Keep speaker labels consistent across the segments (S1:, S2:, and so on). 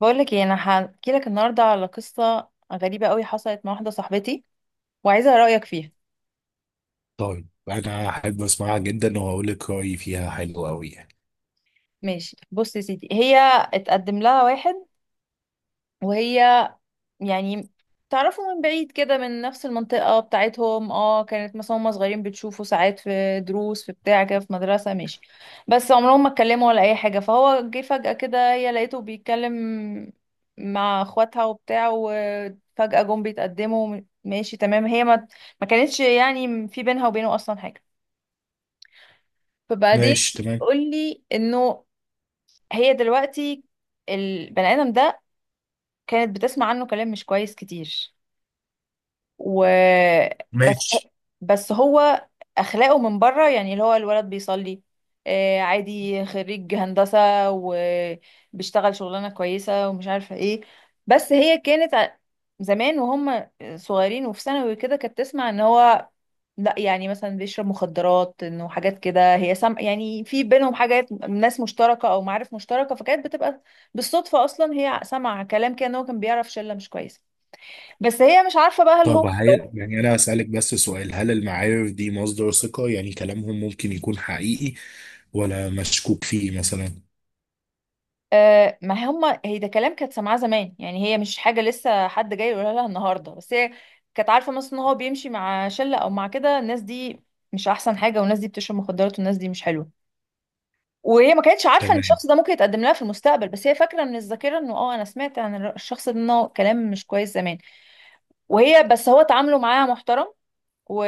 S1: بقولك ايه، انا هحكي لك النهارده على قصه غريبه قوي حصلت مع واحده صاحبتي وعايزه رايك فيها.
S2: طيب، انا احب اسمعها جدا وهقول لك رايي فيها حلو قوي يعني.
S1: ماشي، بص يا سيدي، هي اتقدم لها واحد، وهي يعني تعرفوا من بعيد كده، من نفس المنطقة بتاعتهم. اه، كانت مثلا هما صغيرين بتشوفوا ساعات في دروس في بتاع كده، في مدرسة، ماشي. بس عمرهم ما اتكلموا ولا أي حاجة. فهو جه فجأة كده، هي لقيته بيتكلم مع اخواتها وبتاع، وفجأة جم بيتقدموا. ماشي، تمام. هي ما كانتش يعني في بينها وبينه أصلا حاجة. فبعدين
S2: ماشي تمام.
S1: قول لي إنه هي دلوقتي البني آدم ده كانت بتسمع عنه كلام مش كويس كتير، و بس
S2: ماشي.
S1: بس هو اخلاقه من بره، يعني اللي هو الولد بيصلي، آه، عادي، خريج هندسة وبيشتغل شغلانة كويسة ومش عارفة ايه. بس هي كانت زمان وهم صغيرين وفي ثانوي كده كانت تسمع ان هو لا، يعني مثلا بيشرب مخدرات، انه حاجات كده. هي يعني في بينهم حاجات، ناس مشتركة او معارف مشتركة، فكانت بتبقى بالصدفة اصلا هي سمع كلام كده ان هو كان بيعرف شلة مش كويسة. بس هي مش عارفة بقى هل هو.
S2: يعني انا هسألك بس سؤال، هل المعارف دي مصدر ثقة؟ يعني كلامهم ممكن يكون حقيقي ولا مشكوك فيه مثلا؟
S1: آه، ما هما، هي ده كلام كانت سامعاه زمان، يعني هي مش حاجة لسه حد جاي يقولها لها النهاردة. بس هي كانت عارفة مثلا ان هو بيمشي مع شلة او مع كده، الناس دي مش احسن حاجة، والناس دي بتشرب مخدرات، والناس دي مش حلوة. وهي ما كانتش عارفة ان
S2: تمام.
S1: الشخص ده ممكن يتقدم لها في المستقبل. بس هي فاكرة من الذاكرة انه اه، انا سمعت عن الشخص ده انه كلام مش كويس زمان. وهي بس هو تعامله معاها محترم، و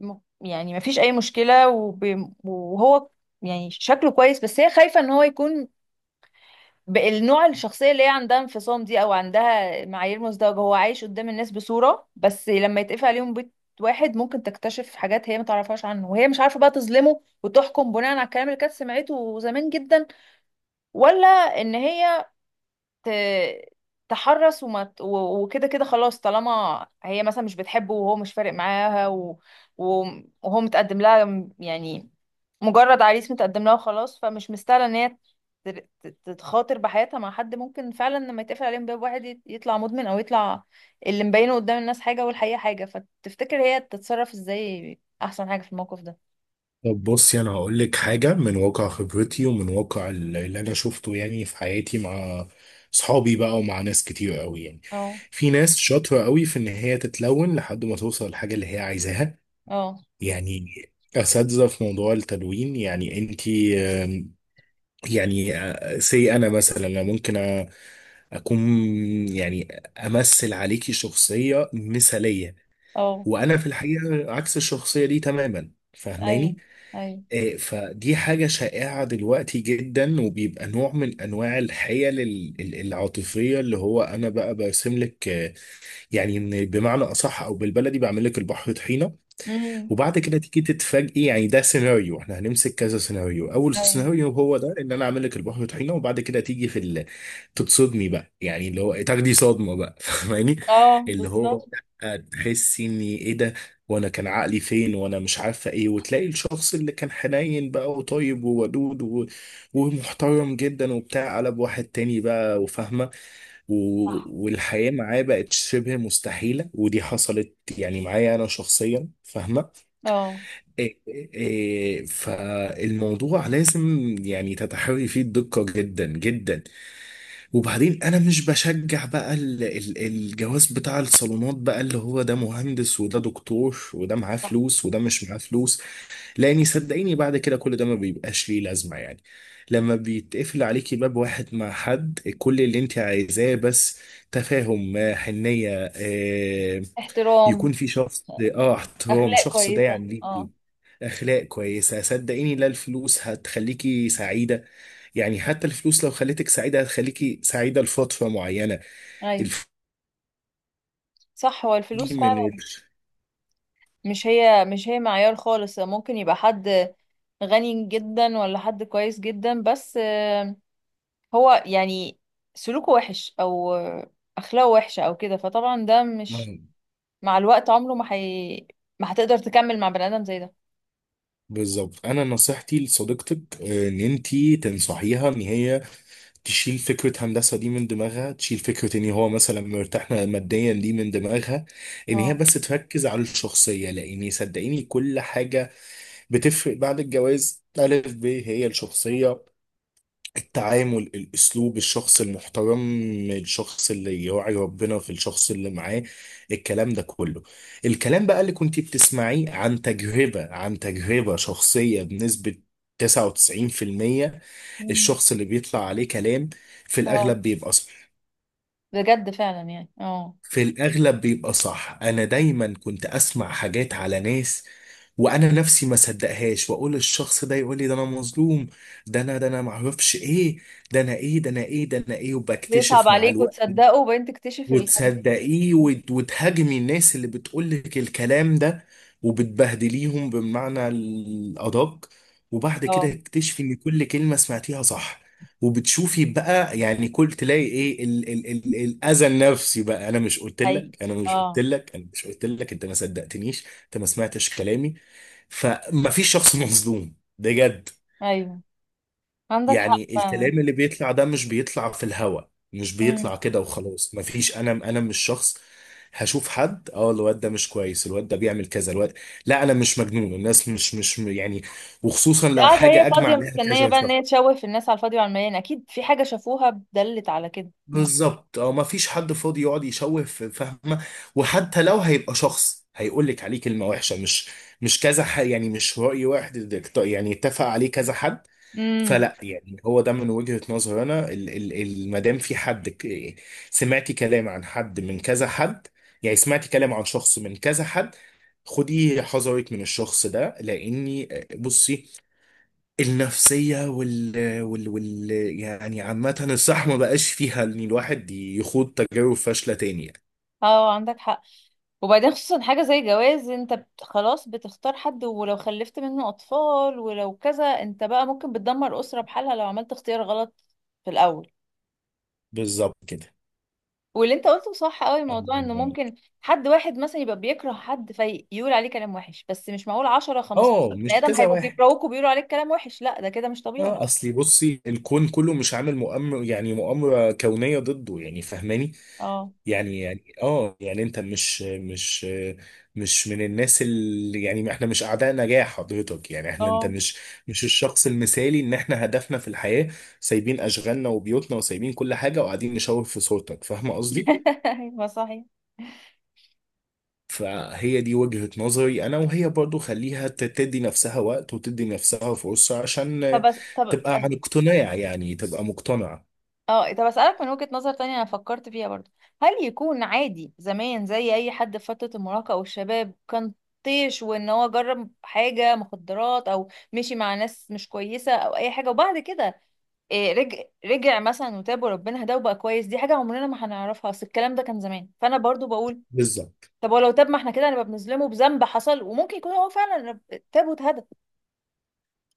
S1: يعني ما فيش اي مشكلة، وهو يعني شكله كويس. بس هي خايفة ان هو يكون النوع الشخصية اللي هي عندها انفصام دي، او عندها معايير مزدوجة، هو عايش قدام الناس بصورة، بس لما يتقفل عليهم بيت واحد ممكن تكتشف حاجات هي ما تعرفهاش عنه. وهي مش عارفة بقى تظلمه وتحكم بناء على الكلام اللي كانت سمعته زمان جدا، ولا ان هي ت- تحرص، وكده كده خلاص، طالما هي مثلا مش بتحبه وهو مش فارق معاها، و- وهو متقدم لها يعني مجرد عريس متقدم لها وخلاص، فمش مستاهله ان هي تتخاطر بحياتها مع حد ممكن فعلا لما يتقفل عليهم باب واحد يطلع مدمن، او يطلع اللي مبينه قدام الناس حاجه والحقيقه حاجه. فتفتكر هي تتصرف ازاي؟ احسن حاجه في الموقف ده.
S2: طب بصي، انا هقول لك حاجة من واقع خبرتي ومن واقع اللي انا شفته يعني في حياتي، مع صحابي بقى ومع ناس كتير قوي يعني.
S1: اه،
S2: في ناس شاطرة قوي في ان هي تتلون لحد ما توصل للحاجة اللي هي عايزاها،
S1: اه،
S2: يعني اساتذه في موضوع التدوين. يعني انت، يعني سي انا مثلا، أنا ممكن أ- اكون يعني امثل عليكي شخصيه مثاليه،
S1: اه،
S2: وانا في الحقيقه عكس الشخصيه دي تماما،
S1: ايوه،
S2: فاهماني؟
S1: ايوه،
S2: فدي حاجه شائعه دلوقتي جدا، وبيبقى نوع من انواع الحيل العاطفيه، اللي هو انا بقى برسم لك، يعني إن بمعنى اصح او بالبلدي بعمل لك البحر طحينه،
S1: امم
S2: وبعد كده تيجي تتفاجئي. يعني ده سيناريو، احنا هنمسك كذا سيناريو. اول
S1: ايوه،
S2: سيناريو هو ده، ان انا اعمل لك البحر طحينه وبعد كده تيجي تتصدمي بقى، يعني اللي هو تاخدي صدمه بقى فاهماني؟
S1: اه
S2: اللي هو
S1: بالظبط.
S2: تحسي ان ايه ده، وانا كان عقلي فين، وانا مش عارفه ايه، وتلاقي الشخص اللي كان حنين بقى وطيب وودود ومحترم جدا وبتاع، قلب واحد تاني بقى، وفاهمه،
S1: صح.
S2: والحياة معاه بقت شبه مستحيلة. ودي حصلت يعني معايا أنا شخصيا، فاهمة؟
S1: اه،
S2: إيه- إيه، إيه، فالموضوع لازم يعني تتحري فيه الدقة جدا جدا. وبعدين انا مش بشجع بقى الجواز بتاع الصالونات بقى، اللي هو ده مهندس وده دكتور وده معاه
S1: صح،
S2: فلوس وده مش معاه فلوس، لاني صدقيني بعد كده كل ده ما بيبقاش ليه لازمة يعني. لما بيتقفل عليكي باب واحد مع حد، كل اللي انت عايزاه بس تفاهم، حنية، يكون
S1: احترام،
S2: في شخص، اه احترام،
S1: اخلاق
S2: شخص
S1: كويسه،
S2: داعم
S1: اه،
S2: ليكي، اخلاق كويسه. صدقيني، لا، الفلوس هتخليكي سعيده، يعني حتى الفلوس لو خلتك سعيده هتخليكي سعيده لفتره معينه.
S1: ايوه،
S2: الفلوس
S1: صح، هو
S2: دي
S1: الفلوس
S2: من
S1: فعلا، مش هي، مش هي معيار خالص. ممكن يبقى حد غني جدا، ولا حد كويس جدا بس آه، هو يعني سلوكه وحش، او آه، اخلاقه وحشه او كده، فطبعا ده مش،
S2: آه،
S1: مع الوقت عمره ما هي ما هتقدر تكمل مع بني ادم زي ده.
S2: بالظبط. انا نصيحتي لصديقتك، ان انتي تنصحيها ان هي تشيل فكره هندسه دي من دماغها، تشيل فكره ان هو مثلا مرتاح ماديا دي من دماغها، ان هي
S1: اه.
S2: بس تركز على الشخصيه، لان صدقيني كل حاجه بتفرق بعد الجواز. ألف ب هي الشخصيه، التعامل، الاسلوب، الشخص المحترم، الشخص اللي يراعي ربنا في الشخص اللي معاه، الكلام ده كله. الكلام بقى اللي كنت بتسمعيه عن تجربة شخصية بنسبة 99%،
S1: مم.
S2: الشخص اللي بيطلع عليه كلام في
S1: اه،
S2: الأغلب بيبقى،
S1: بجد، فعلا، يعني اه،
S2: في الأغلب بيبقى صح. أنا دايما كنت أسمع حاجات على ناس وأنا نفسي ما صدقهاش، وأقول الشخص ده يقول لي ده أنا مظلوم، ده أنا معرفش إيه، ده أنا إيه، ده أنا إيه، ده أنا إيه.
S1: بيصعب
S2: وبكتشف مع
S1: عليك
S2: الوقت
S1: وتصدقه وبعدين تكتشف
S2: وتصدقيه وتهاجمي الناس اللي بتقولك الكلام ده وبتبهدليهم بمعنى الأدق، وبعد كده
S1: اه،
S2: تكتشفي إن كل كلمة سمعتيها صح. وبتشوفي بقى، يعني كل تلاقي ايه ال ال ال الاذى النفسي بقى. انا مش قلت
S1: حقيقي.
S2: لك انا مش قلت
S1: اه،
S2: لك انا مش قلت لك، انت ما صدقتنيش، انت ما سمعتش كلامي. فما فيش شخص مظلوم بجد،
S1: ايوه، عندك حق
S2: يعني
S1: فعلا.
S2: الكلام اللي بيطلع ده مش بيطلع في الهوا، مش
S1: امم
S2: بيطلع كده وخلاص، مفيش. انا مش شخص هشوف حد الواد ده مش كويس، الواد ده بيعمل كذا، لا، انا مش مجنون. الناس مش يعني، وخصوصا لو
S1: قاعدة هي
S2: حاجه اجمع
S1: فاضية
S2: عليها كذا
S1: مستنية بقى
S2: شخص.
S1: ان هي تشوه في الناس على الفاضي وعلى المليان؟ اكيد في حاجة شافوها دلت على كده. امم.
S2: بالظبط، مفيش حد فاضي يقعد يشوه في، فاهمه؟ وحتى لو هيبقى شخص هيقول لك عليه كلمه وحشه، مش كذا حد يعني، مش راي واحد، يعني اتفق عليه كذا حد.
S1: أمم.
S2: فلا، يعني هو ده من وجهة نظري انا، ما دام في حد سمعتي كلام عن حد من كذا حد، يعني سمعتي كلام عن شخص من كذا حد، خدي حذرك من الشخص ده، لاني بصي، النفسية وال, وال, وال يعني عامة الصح ما بقاش فيها ان الواحد يخوض تجارب فاشلة تاني يعني.
S1: اه، عندك حق. وبعدين خصوصا حاجة زي جواز، خلاص، بتختار حد، ولو خلفت منه اطفال ولو كذا، انت بقى ممكن بتدمر اسرة بحالها لو عملت اختيار غلط في الاول.
S2: بالظبط كده،
S1: واللي انت قلته صح قوي،
S2: الله
S1: موضوع انه
S2: ينور
S1: ممكن
S2: عليك.
S1: حد واحد مثلا يبقى بيكره حد فيقول عليه كلام وحش، بس مش معقول 10 15
S2: اه،
S1: بني
S2: مش
S1: ادم
S2: كذا
S1: هيبقوا
S2: واحد.
S1: بيكرهوك وبيقولوا عليك كلام وحش. لا، ده كده مش طبيعي.
S2: اه، اصلي بصي، الكون كله مش عامل مؤامرة، يعني مؤامرة كونية ضده، يعني فاهماني؟
S1: اه،
S2: يعني يعني انت مش من الناس، اللي يعني احنا مش اعداء نجاح حضرتك يعني، احنا انت
S1: اه،
S2: مش الشخص المثالي، ان احنا هدفنا في الحياة سايبين اشغالنا وبيوتنا وسايبين كل حاجة وقاعدين نشاور في صورتك، فاهم قصدي؟
S1: ايوه، صحيح.
S2: فهي دي وجهة نظري انا، وهي برضو خليها تدي نفسها وقت وتدي نفسها فرصة عشان
S1: طب،
S2: تبقى عن اقتناع، يعني تبقى مقتنع.
S1: اه، طب اسالك من وجهة نظر تانية انا فكرت فيها برضو، هل يكون عادي زمان زي اي حد في فترة المراهقة او الشباب كان طيش، وان هو جرب حاجة مخدرات او مشي مع ناس مش كويسة او اي حاجة، وبعد كده إيه، رجع مثلا وتاب وربنا هداه وبقى كويس؟ دي حاجة عمرنا ما هنعرفها، اصل الكلام ده كان زمان. فانا برضو بقول
S2: بالظبط.
S1: طب ولو تاب، ما احنا كده نبقى بنظلمه بذنب حصل، وممكن يكون هو فعلا تاب واتهدى.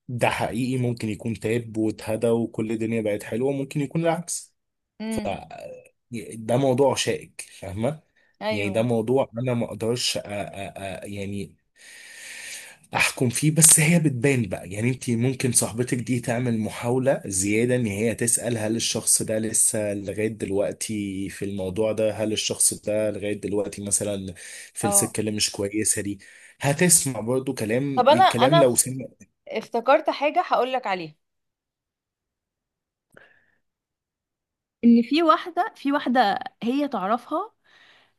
S2: ده حقيقي ممكن يكون تاب واتهدى وكل الدنيا بقت حلوة، ممكن يكون العكس.
S1: امم،
S2: ده موضوع شائك، فاهمة؟ يعني ده
S1: ايوه،
S2: موضوع انا ما اقدرش يعني احكم فيه، بس هي بتبان بقى. يعني انت ممكن، صاحبتك دي تعمل محاولة زيادة ان هي تسأل، هل الشخص ده لسه لغاية دلوقتي في الموضوع ده، هل الشخص ده لغاية دلوقتي مثلا في
S1: اه،
S2: السكة اللي مش كويسة دي؟ هتسمع برضو
S1: طب انا
S2: الكلام
S1: انا
S2: لو سمع.
S1: افتكرت حاجة هقولك عليها. ان في واحده، هي تعرفها،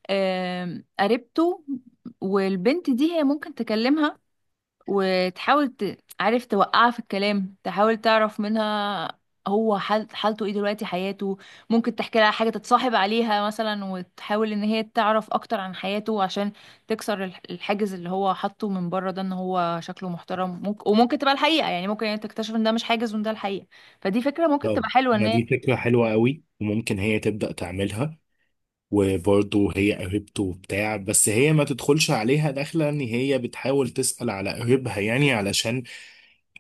S1: آم، قريبته، والبنت دي هي ممكن تكلمها، وتحاول عارف توقعها في الكلام، تحاول تعرف منها هو حالته ايه دلوقتي، حياته. ممكن تحكي لها حاجه تتصاحب عليها مثلا، وتحاول ان هي تعرف اكتر عن حياته عشان تكسر الحاجز اللي هو حاطه من بره ده، ان هو شكله محترم. ممكن، وممكن تبقى الحقيقه، يعني ممكن يعني تكتشف ان ده مش حاجز وان ده الحقيقه. فدي فكره ممكن
S2: طب
S1: تبقى حلوه ان
S2: ما
S1: هي.
S2: دي فكرة حلوة قوي، وممكن هي تبدأ تعملها. وبرضه هي قريبته وبتاع، بس هي ما تدخلش عليها داخلة ان هي بتحاول تسأل على قريبها، يعني علشان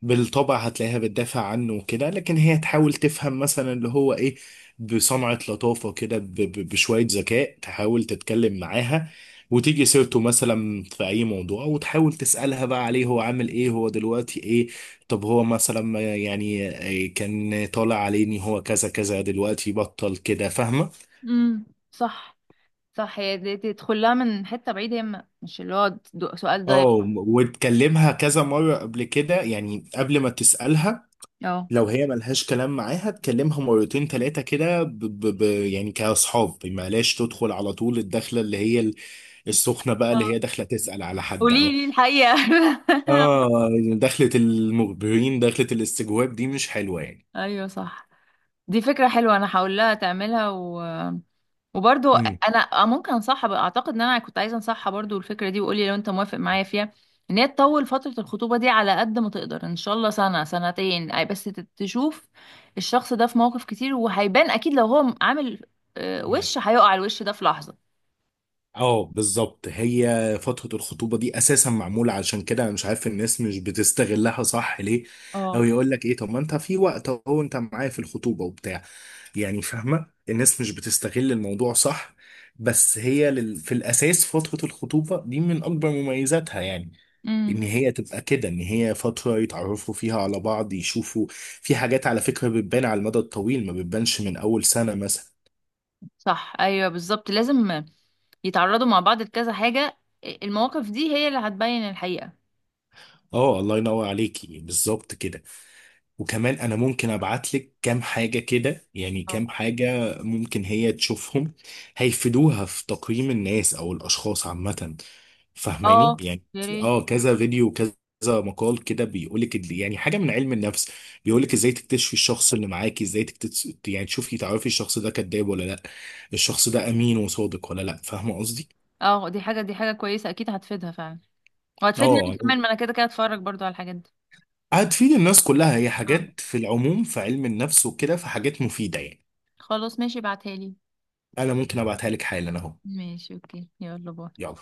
S2: بالطبع هتلاقيها بتدافع عنه وكده، لكن هي تحاول تفهم مثلا اللي هو ايه، بصنعة لطافة كده، بشوية ذكاء تحاول تتكلم معاها، وتيجي سيرته مثلا في اي موضوع، وتحاول تسألها بقى عليه هو عامل ايه، هو دلوقتي ايه. طب هو مثلا، ما يعني كان طالع عليه ان هو كذا كذا دلوقتي بطل كده، فاهمة؟
S1: امم صح، صح، هي دي تدخل لها من حتة بعيدة، هي مش اللي هو سؤال دايركت.
S2: اه، وتكلمها كذا مرة قبل كده، يعني قبل ما تسألها،
S1: اه،
S2: لو هي ملهاش كلام معاها تكلمها مرتين تلاتة كده، يعني كأصحاب، ما لاش تدخل على طول الدخلة اللي هي السخنة بقى، اللي
S1: اه،
S2: هي داخلة تسأل على حد.
S1: قولي
S2: اه.
S1: لي الحقيقة.
S2: اه، دخلة المخبرين، دخلة الاستجواب دي مش حلوة يعني.
S1: ايوه، صح. دي فكرة حلوة انا هقول لها تعملها و... وبرضو انا آه، ممكن انصحها بقى. اعتقد ان انا كنت عايزة انصحها برضو الفكرة دي، وقولي لو انت موافق معايا فيها، ان هي تطول فترة الخطوبة دي على قد ما تقدر ان شاء الله، سنة سنتين أي، بس تشوف الشخص ده في مواقف كتير، وهيبان اكيد لو هو عامل آه،
S2: مم.
S1: وش، هيقع الوش ده في لحظة.
S2: اه، بالظبط. هي فترة الخطوبة دي اساسا معمولة علشان كده، انا مش عارف الناس مش بتستغلها صح ليه. او
S1: اه،
S2: يقول لك ايه، طب ما انت في وقت اهو، انت معايا في الخطوبة وبتاع، يعني فاهمة، الناس مش بتستغل الموضوع صح. بس هي في الاساس فترة الخطوبة دي من اكبر مميزاتها، يعني ان
S1: امم
S2: هي تبقى كده، ان هي فترة يتعرفوا فيها على بعض، يشوفوا. في حاجات على فكرة بتبان على المدى الطويل، ما بتبانش من اول سنة مثلا.
S1: صح، ايوه، بالظبط، لازم يتعرضوا مع بعض لكذا حاجه. المواقف دي هي اللي هتبين الحقيقه.
S2: اه، الله ينور عليكي، بالظبط كده. وكمان انا ممكن ابعت لك كام حاجة كده، يعني
S1: اه،
S2: كام حاجة ممكن هي تشوفهم هيفيدوها في تقييم الناس او الاشخاص عامة، فاهماني
S1: اه،
S2: يعني؟
S1: يا ريت.
S2: اه، كذا فيديو وكذا مقال كده بيقولك يعني حاجة من علم النفس، بيقولك ازاي تكتشفي الشخص اللي معاكي، ازاي تكتشفي، يعني تشوفي تعرفي الشخص ده كذاب ولا لا، الشخص ده امين وصادق ولا لا، فاهمة قصدي؟
S1: اه، دي حاجه كويسه اكيد هتفيدها فعلا. وهتفيدني انا
S2: اه،
S1: كمان، ما انا كده كده هتفرج برضو على الحاجات دي.
S2: هتفيد الناس كلها، هي
S1: اه،
S2: حاجات في العموم في علم النفس وكده، فحاجات مفيدة يعني.
S1: خلاص، ماشي، ابعتها لي.
S2: انا ممكن ابعتها لك حالا اهو.
S1: ماشي، اوكي، يلا، باي.
S2: يلا.